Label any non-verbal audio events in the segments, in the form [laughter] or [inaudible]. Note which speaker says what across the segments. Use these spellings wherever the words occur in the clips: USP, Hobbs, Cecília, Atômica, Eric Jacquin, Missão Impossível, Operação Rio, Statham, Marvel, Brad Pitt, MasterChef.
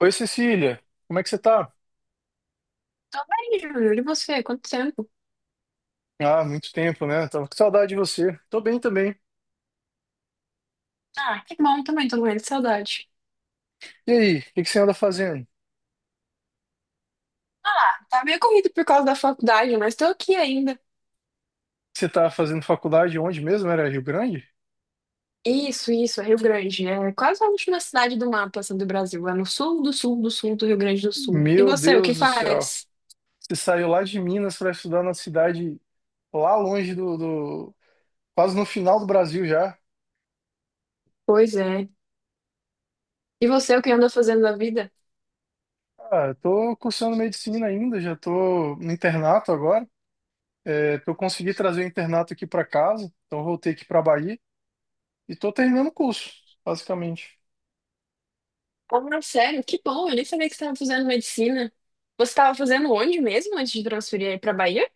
Speaker 1: Oi, Cecília, como é que você tá?
Speaker 2: Tô bem, Júlio. E você? Quanto tempo?
Speaker 1: Ah, muito tempo, né? Tava com saudade de você. Tô bem também.
Speaker 2: Ah, que bom também, tô morrendo de saudade.
Speaker 1: E aí, o que que você anda fazendo?
Speaker 2: Ah, tá meio corrido por causa da faculdade, mas tô aqui ainda.
Speaker 1: Você tá fazendo faculdade onde mesmo? Era Rio Grande?
Speaker 2: Isso, é Rio Grande. É quase a última cidade do mapa, assim, do Brasil. É no sul do sul do sul do Rio Grande do Sul. E
Speaker 1: Meu
Speaker 2: você, o que
Speaker 1: Deus do céu.
Speaker 2: faz?
Speaker 1: Você saiu lá de Minas pra estudar na cidade lá longe do quase no final do Brasil já.
Speaker 2: Pois é. E você, o que anda fazendo na vida?
Speaker 1: Ah, eu tô cursando medicina ainda, já tô no internato agora. É, eu consegui trazer o internato aqui pra casa, então eu voltei aqui pra Bahia e tô terminando o curso, basicamente.
Speaker 2: Ah, sério? Que bom, eu nem sabia que você estava fazendo medicina. Você estava fazendo onde mesmo antes de transferir aí pra Bahia?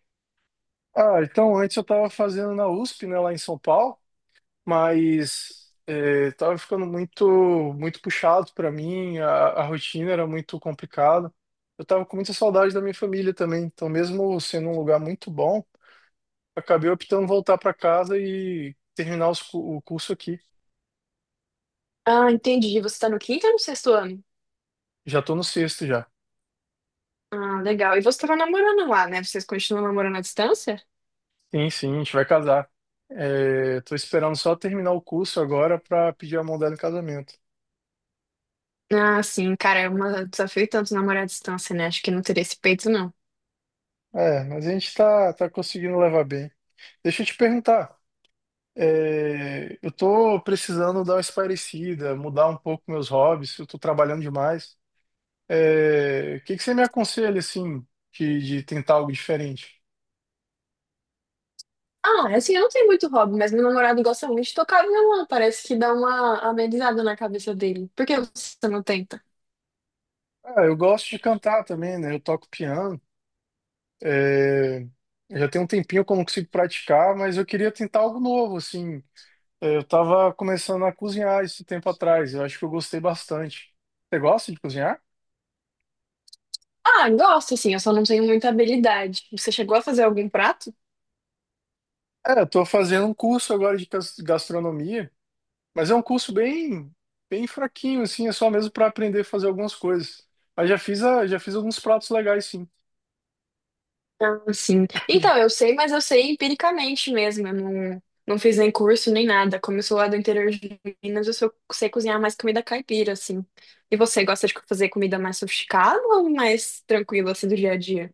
Speaker 1: Ah, então antes eu estava fazendo na USP, né, lá em São Paulo, mas é, tava ficando muito muito puxado para mim, a rotina era muito complicada. Eu tava com muita saudade da minha família também, então mesmo sendo um lugar muito bom, acabei optando voltar para casa e terminar o curso aqui.
Speaker 2: Ah, entendi. Você tá no quinto ou no sexto ano?
Speaker 1: Já tô no sexto já.
Speaker 2: Ah, legal. E você tava namorando lá, né? Vocês continuam namorando à distância?
Speaker 1: Sim, sim, a gente vai casar. É, tô esperando só terminar o curso agora para pedir a mão dela em casamento.
Speaker 2: Ah, sim, cara, é um desafio tanto namorar à distância, né? Acho que não teria esse peito, não.
Speaker 1: É, mas a gente tá conseguindo levar bem. Deixa eu te perguntar. É, eu tô precisando dar uma espairecida, mudar um pouco meus hobbies, eu tô trabalhando demais. É, o que que você me aconselha, assim, de tentar algo diferente?
Speaker 2: Ah, assim, eu não tenho muito hobby, mas meu namorado gosta muito de tocar violão. Parece que dá uma amenizada na cabeça dele. Por que você não tenta?
Speaker 1: Ah, eu gosto de cantar também, né? Eu toco piano. É, já tem um tempinho que eu não consigo praticar, mas eu queria tentar algo novo, assim. É, eu tava começando a cozinhar isso tempo atrás. Eu acho que eu gostei bastante. Você gosta de cozinhar?
Speaker 2: Ah, gosto, assim, eu só não tenho muita habilidade. Você chegou a fazer algum prato?
Speaker 1: É, eu tô fazendo um curso agora de gastronomia, mas é um curso bem, bem fraquinho, assim, é só mesmo para aprender a fazer algumas coisas. Mas já fiz alguns pratos legais, sim.
Speaker 2: Ah, sim. Então, eu sei, mas eu sei empiricamente mesmo. Eu não fiz nem curso nem nada. Como eu sou lá do interior de Minas, eu só sei cozinhar mais comida caipira, assim. E você gosta de fazer comida mais sofisticada ou mais tranquila, assim, do dia a dia?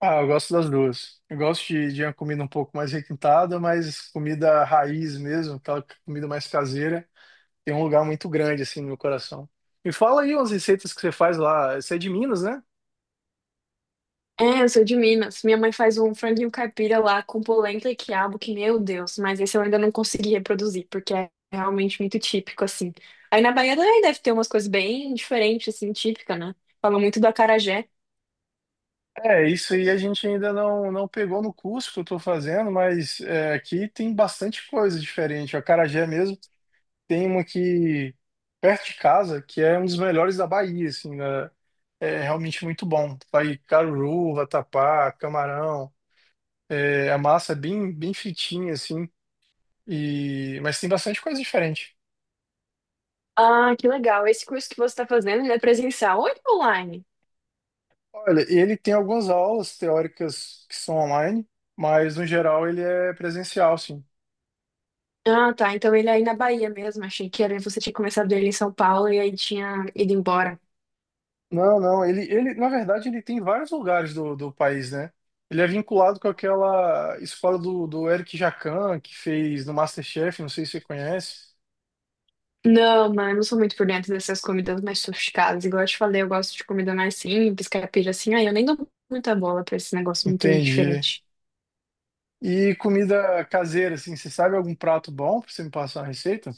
Speaker 1: Ah, eu gosto das duas. Eu gosto de uma comida um pouco mais requintada, mas comida raiz mesmo, aquela comida mais caseira, tem um lugar muito grande, assim, no meu coração. Me fala aí umas receitas que você faz lá. Você é de Minas, né?
Speaker 2: É, eu sou de Minas. Minha mãe faz um franguinho caipira lá com polenta e quiabo, que, meu Deus, mas esse eu ainda não consegui reproduzir, porque é realmente muito típico, assim. Aí na Bahia também deve ter umas coisas bem diferentes, assim, típica, né? Fala muito do acarajé.
Speaker 1: É, isso aí a gente ainda não pegou no curso que eu estou fazendo, mas é, aqui tem bastante coisa diferente. A acarajé mesmo tem uma aqui perto de casa, que é um dos melhores da Bahia, assim, né? É realmente muito bom. Vai caruru, vatapá, camarão. É, a massa é bem, bem fritinha, assim, e, mas tem bastante coisa diferente.
Speaker 2: Ah, que legal. Esse curso que você está fazendo, ele é presencial ou ele é online?
Speaker 1: Olha, ele tem algumas aulas teóricas que são online, mas no geral ele é presencial, sim.
Speaker 2: Ah, tá. Então ele é aí na Bahia mesmo. Achei que era, você tinha começado ele em São Paulo e aí tinha ido embora.
Speaker 1: Não, não, ele, na verdade, ele tem vários lugares do país, né? Ele é vinculado com aquela escola do Eric Jacquin, que fez no MasterChef, não sei se você conhece.
Speaker 2: Não, mano, eu não sou muito por dentro dessas comidas mais sofisticadas. Igual eu te falei, eu gosto de comida mais simples, caipira assim. Aí eu nem dou muita bola pra esse negócio muito
Speaker 1: Entendi.
Speaker 2: diferente.
Speaker 1: E comida caseira, assim, você sabe algum prato bom pra você me passar uma receita?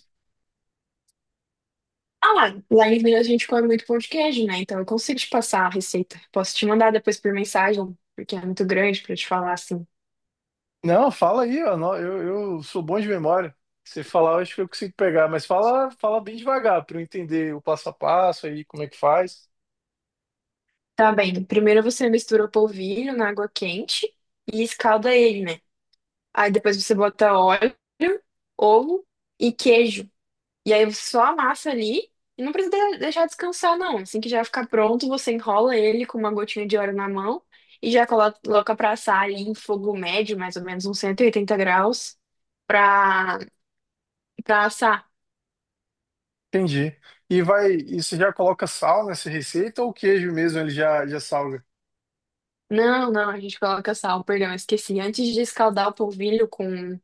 Speaker 2: Ah, lá, em Minas a gente come muito pão de queijo, né? Então eu consigo te passar a receita. Posso te mandar depois por mensagem, porque é muito grande pra te falar assim.
Speaker 1: Não, fala aí, ó, não, eu sou bom de memória. Você falar, eu acho que eu consigo pegar, mas fala, fala bem devagar pra eu entender o passo a passo aí, como é que faz.
Speaker 2: Tá bem. Primeiro você mistura o polvilho na água quente e escalda ele, né? Aí depois você bota óleo, ovo e queijo. E aí você só amassa ali e não precisa de- deixar descansar, não. Assim que já ficar pronto, você enrola ele com uma gotinha de óleo na mão e já coloca pra assar ali em fogo médio, mais ou menos uns 180 graus, pra, pra assar.
Speaker 1: Entendi. E você já coloca sal nessa receita ou o queijo mesmo ele já salga?
Speaker 2: Não, não, a gente coloca sal, perdão, eu esqueci. Antes de escaldar o polvilho com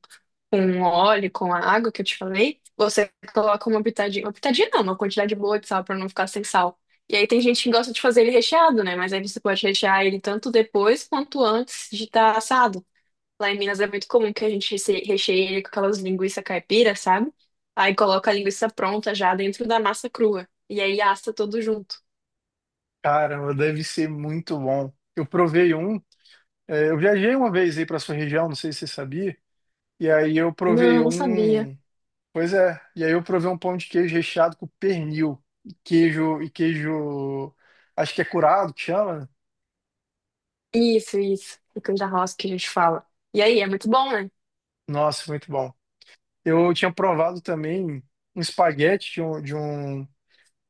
Speaker 2: com óleo, com a água que eu te falei, você coloca uma pitadinha não, uma quantidade boa de sal para não ficar sem sal. E aí tem gente que gosta de fazer ele recheado, né? Mas aí você pode rechear ele tanto depois quanto antes de estar assado. Lá em Minas é muito comum que a gente recheie ele com aquelas linguiças caipira, sabe? Aí coloca a linguiça pronta já dentro da massa crua. E aí assa tudo junto.
Speaker 1: Caramba, deve ser muito bom. Eu provei um, é, eu viajei uma vez aí para sua região, não sei se você sabia, e aí
Speaker 2: Não, não sabia.
Speaker 1: pois é, e aí eu provei um pão de queijo recheado com pernil, e queijo, acho que é curado que chama.
Speaker 2: Isso, isso. O canja rosca que a gente fala. E aí, é muito bom, né?
Speaker 1: Nossa, muito bom. Eu tinha provado também um espaguete de um, de um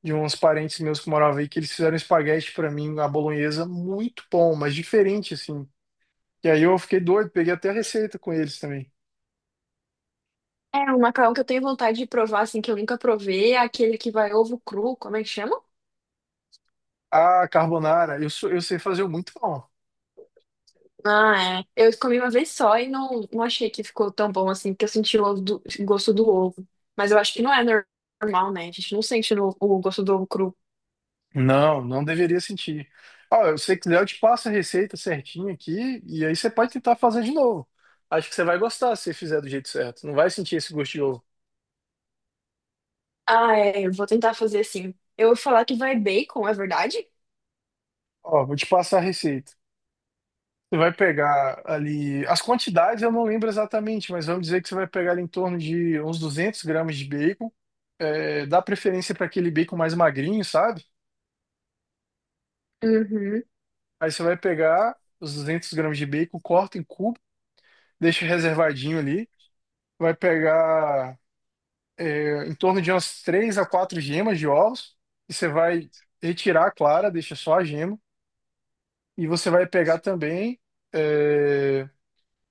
Speaker 1: de uns parentes meus que moravam aí que eles fizeram espaguete para mim, a bolonhesa, muito bom, mas diferente assim. E aí eu fiquei doido, peguei até a receita com eles também.
Speaker 2: É, um macarrão que eu tenho vontade de provar, assim, que eu nunca provei, é aquele que vai ovo cru, como é que chama?
Speaker 1: Ah, carbonara, eu sei fazer muito bom.
Speaker 2: Ah, é. Eu comi uma vez só e não achei que ficou tão bom assim, porque eu senti o gosto do ovo. Mas eu acho que normal, né? A gente não sente o gosto do ovo cru.
Speaker 1: Não, não deveria sentir. Ó, se você quiser, eu te passo a receita certinha aqui e aí você pode tentar fazer de novo. Acho que você vai gostar se você fizer do jeito certo. Não vai sentir esse gosto de ovo.
Speaker 2: Ah, é, eu vou tentar fazer assim. Eu vou falar que vai bacon, é verdade?
Speaker 1: Ó, vou te passar a receita. Você vai pegar ali. As quantidades eu não lembro exatamente, mas vamos dizer que você vai pegar ali em torno de uns 200 g de bacon. É, dá preferência para aquele bacon mais magrinho, sabe?
Speaker 2: Uhum.
Speaker 1: Aí você vai pegar os 200 g de bacon, corta em cubo, deixa reservadinho ali. Vai pegar em torno de umas três a quatro gemas de ovos, e você vai retirar a clara, deixa só a gema, e você vai pegar também é,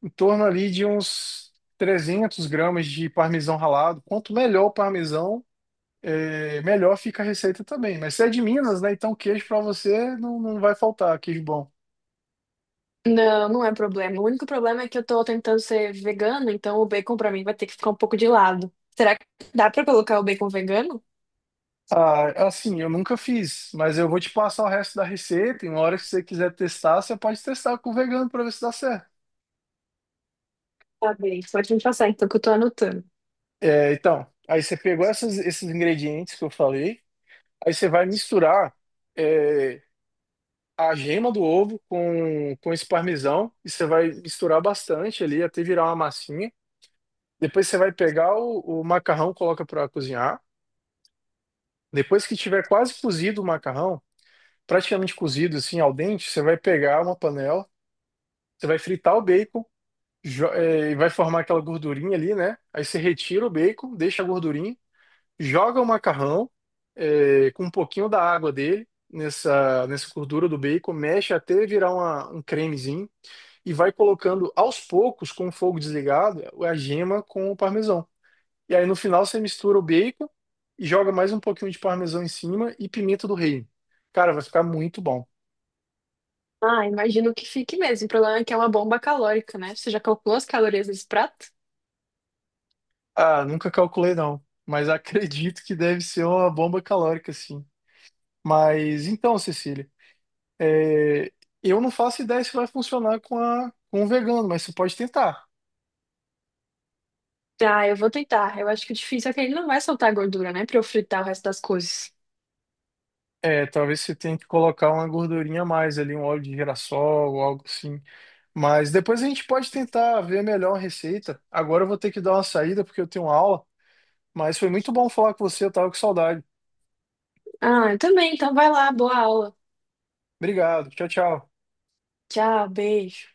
Speaker 1: em torno ali de uns 300 g de parmesão ralado. Quanto melhor o parmesão, é, melhor fica a receita também. Mas você é de Minas, né? Então queijo para você não vai faltar, queijo bom.
Speaker 2: Não, não é problema. O único problema é que eu tô tentando ser vegana, então o bacon pra mim vai ter que ficar um pouco de lado. Será que dá pra colocar o bacon vegano?
Speaker 1: Ah, assim, eu nunca fiz, mas eu vou te passar o resto da receita. E uma hora que você quiser testar, você pode testar com o vegano para ver se dá certo.
Speaker 2: Tá bem, pode me passar então que eu tô anotando.
Speaker 1: É, então, aí você pegou esses ingredientes que eu falei, aí você vai misturar é, a gema do ovo com esse parmesão, e você vai misturar bastante ali até virar uma massinha. Depois você vai pegar o macarrão, coloca para cozinhar. Depois que tiver quase cozido o macarrão, praticamente cozido assim al dente, você vai pegar uma panela, você vai fritar o bacon, e vai formar aquela gordurinha ali, né? Aí você retira o bacon, deixa a gordurinha. Joga o macarrão com um pouquinho da água dele nessa gordura do bacon, mexe até virar um cremezinho e vai colocando aos poucos, com o fogo desligado, a gema com o parmesão. E aí no final você mistura o bacon e joga mais um pouquinho de parmesão em cima e pimenta do reino. Cara, vai ficar muito bom.
Speaker 2: Ah, imagino que fique mesmo. O problema é que é uma bomba calórica, né? Você já calculou as calorias desse prato?
Speaker 1: Ah, nunca calculei não, mas [laughs] acredito que deve ser uma bomba calórica, sim. Mas então, Cecília. É, eu não faço ideia se vai funcionar com a, com o vegano, mas você pode tentar.
Speaker 2: Ah, eu vou tentar. Eu acho que o difícil é que ele não vai soltar gordura, né? Pra eu fritar o resto das coisas.
Speaker 1: É, talvez você tenha que colocar uma gordurinha a mais ali, um óleo de girassol ou algo assim. Mas depois a gente pode tentar ver melhor a receita. Agora eu vou ter que dar uma saída porque eu tenho aula, mas foi muito bom falar com você, eu tava com saudade.
Speaker 2: Ah, eu também. Então vai lá, boa aula.
Speaker 1: Obrigado, tchau, tchau.
Speaker 2: Tchau, beijo.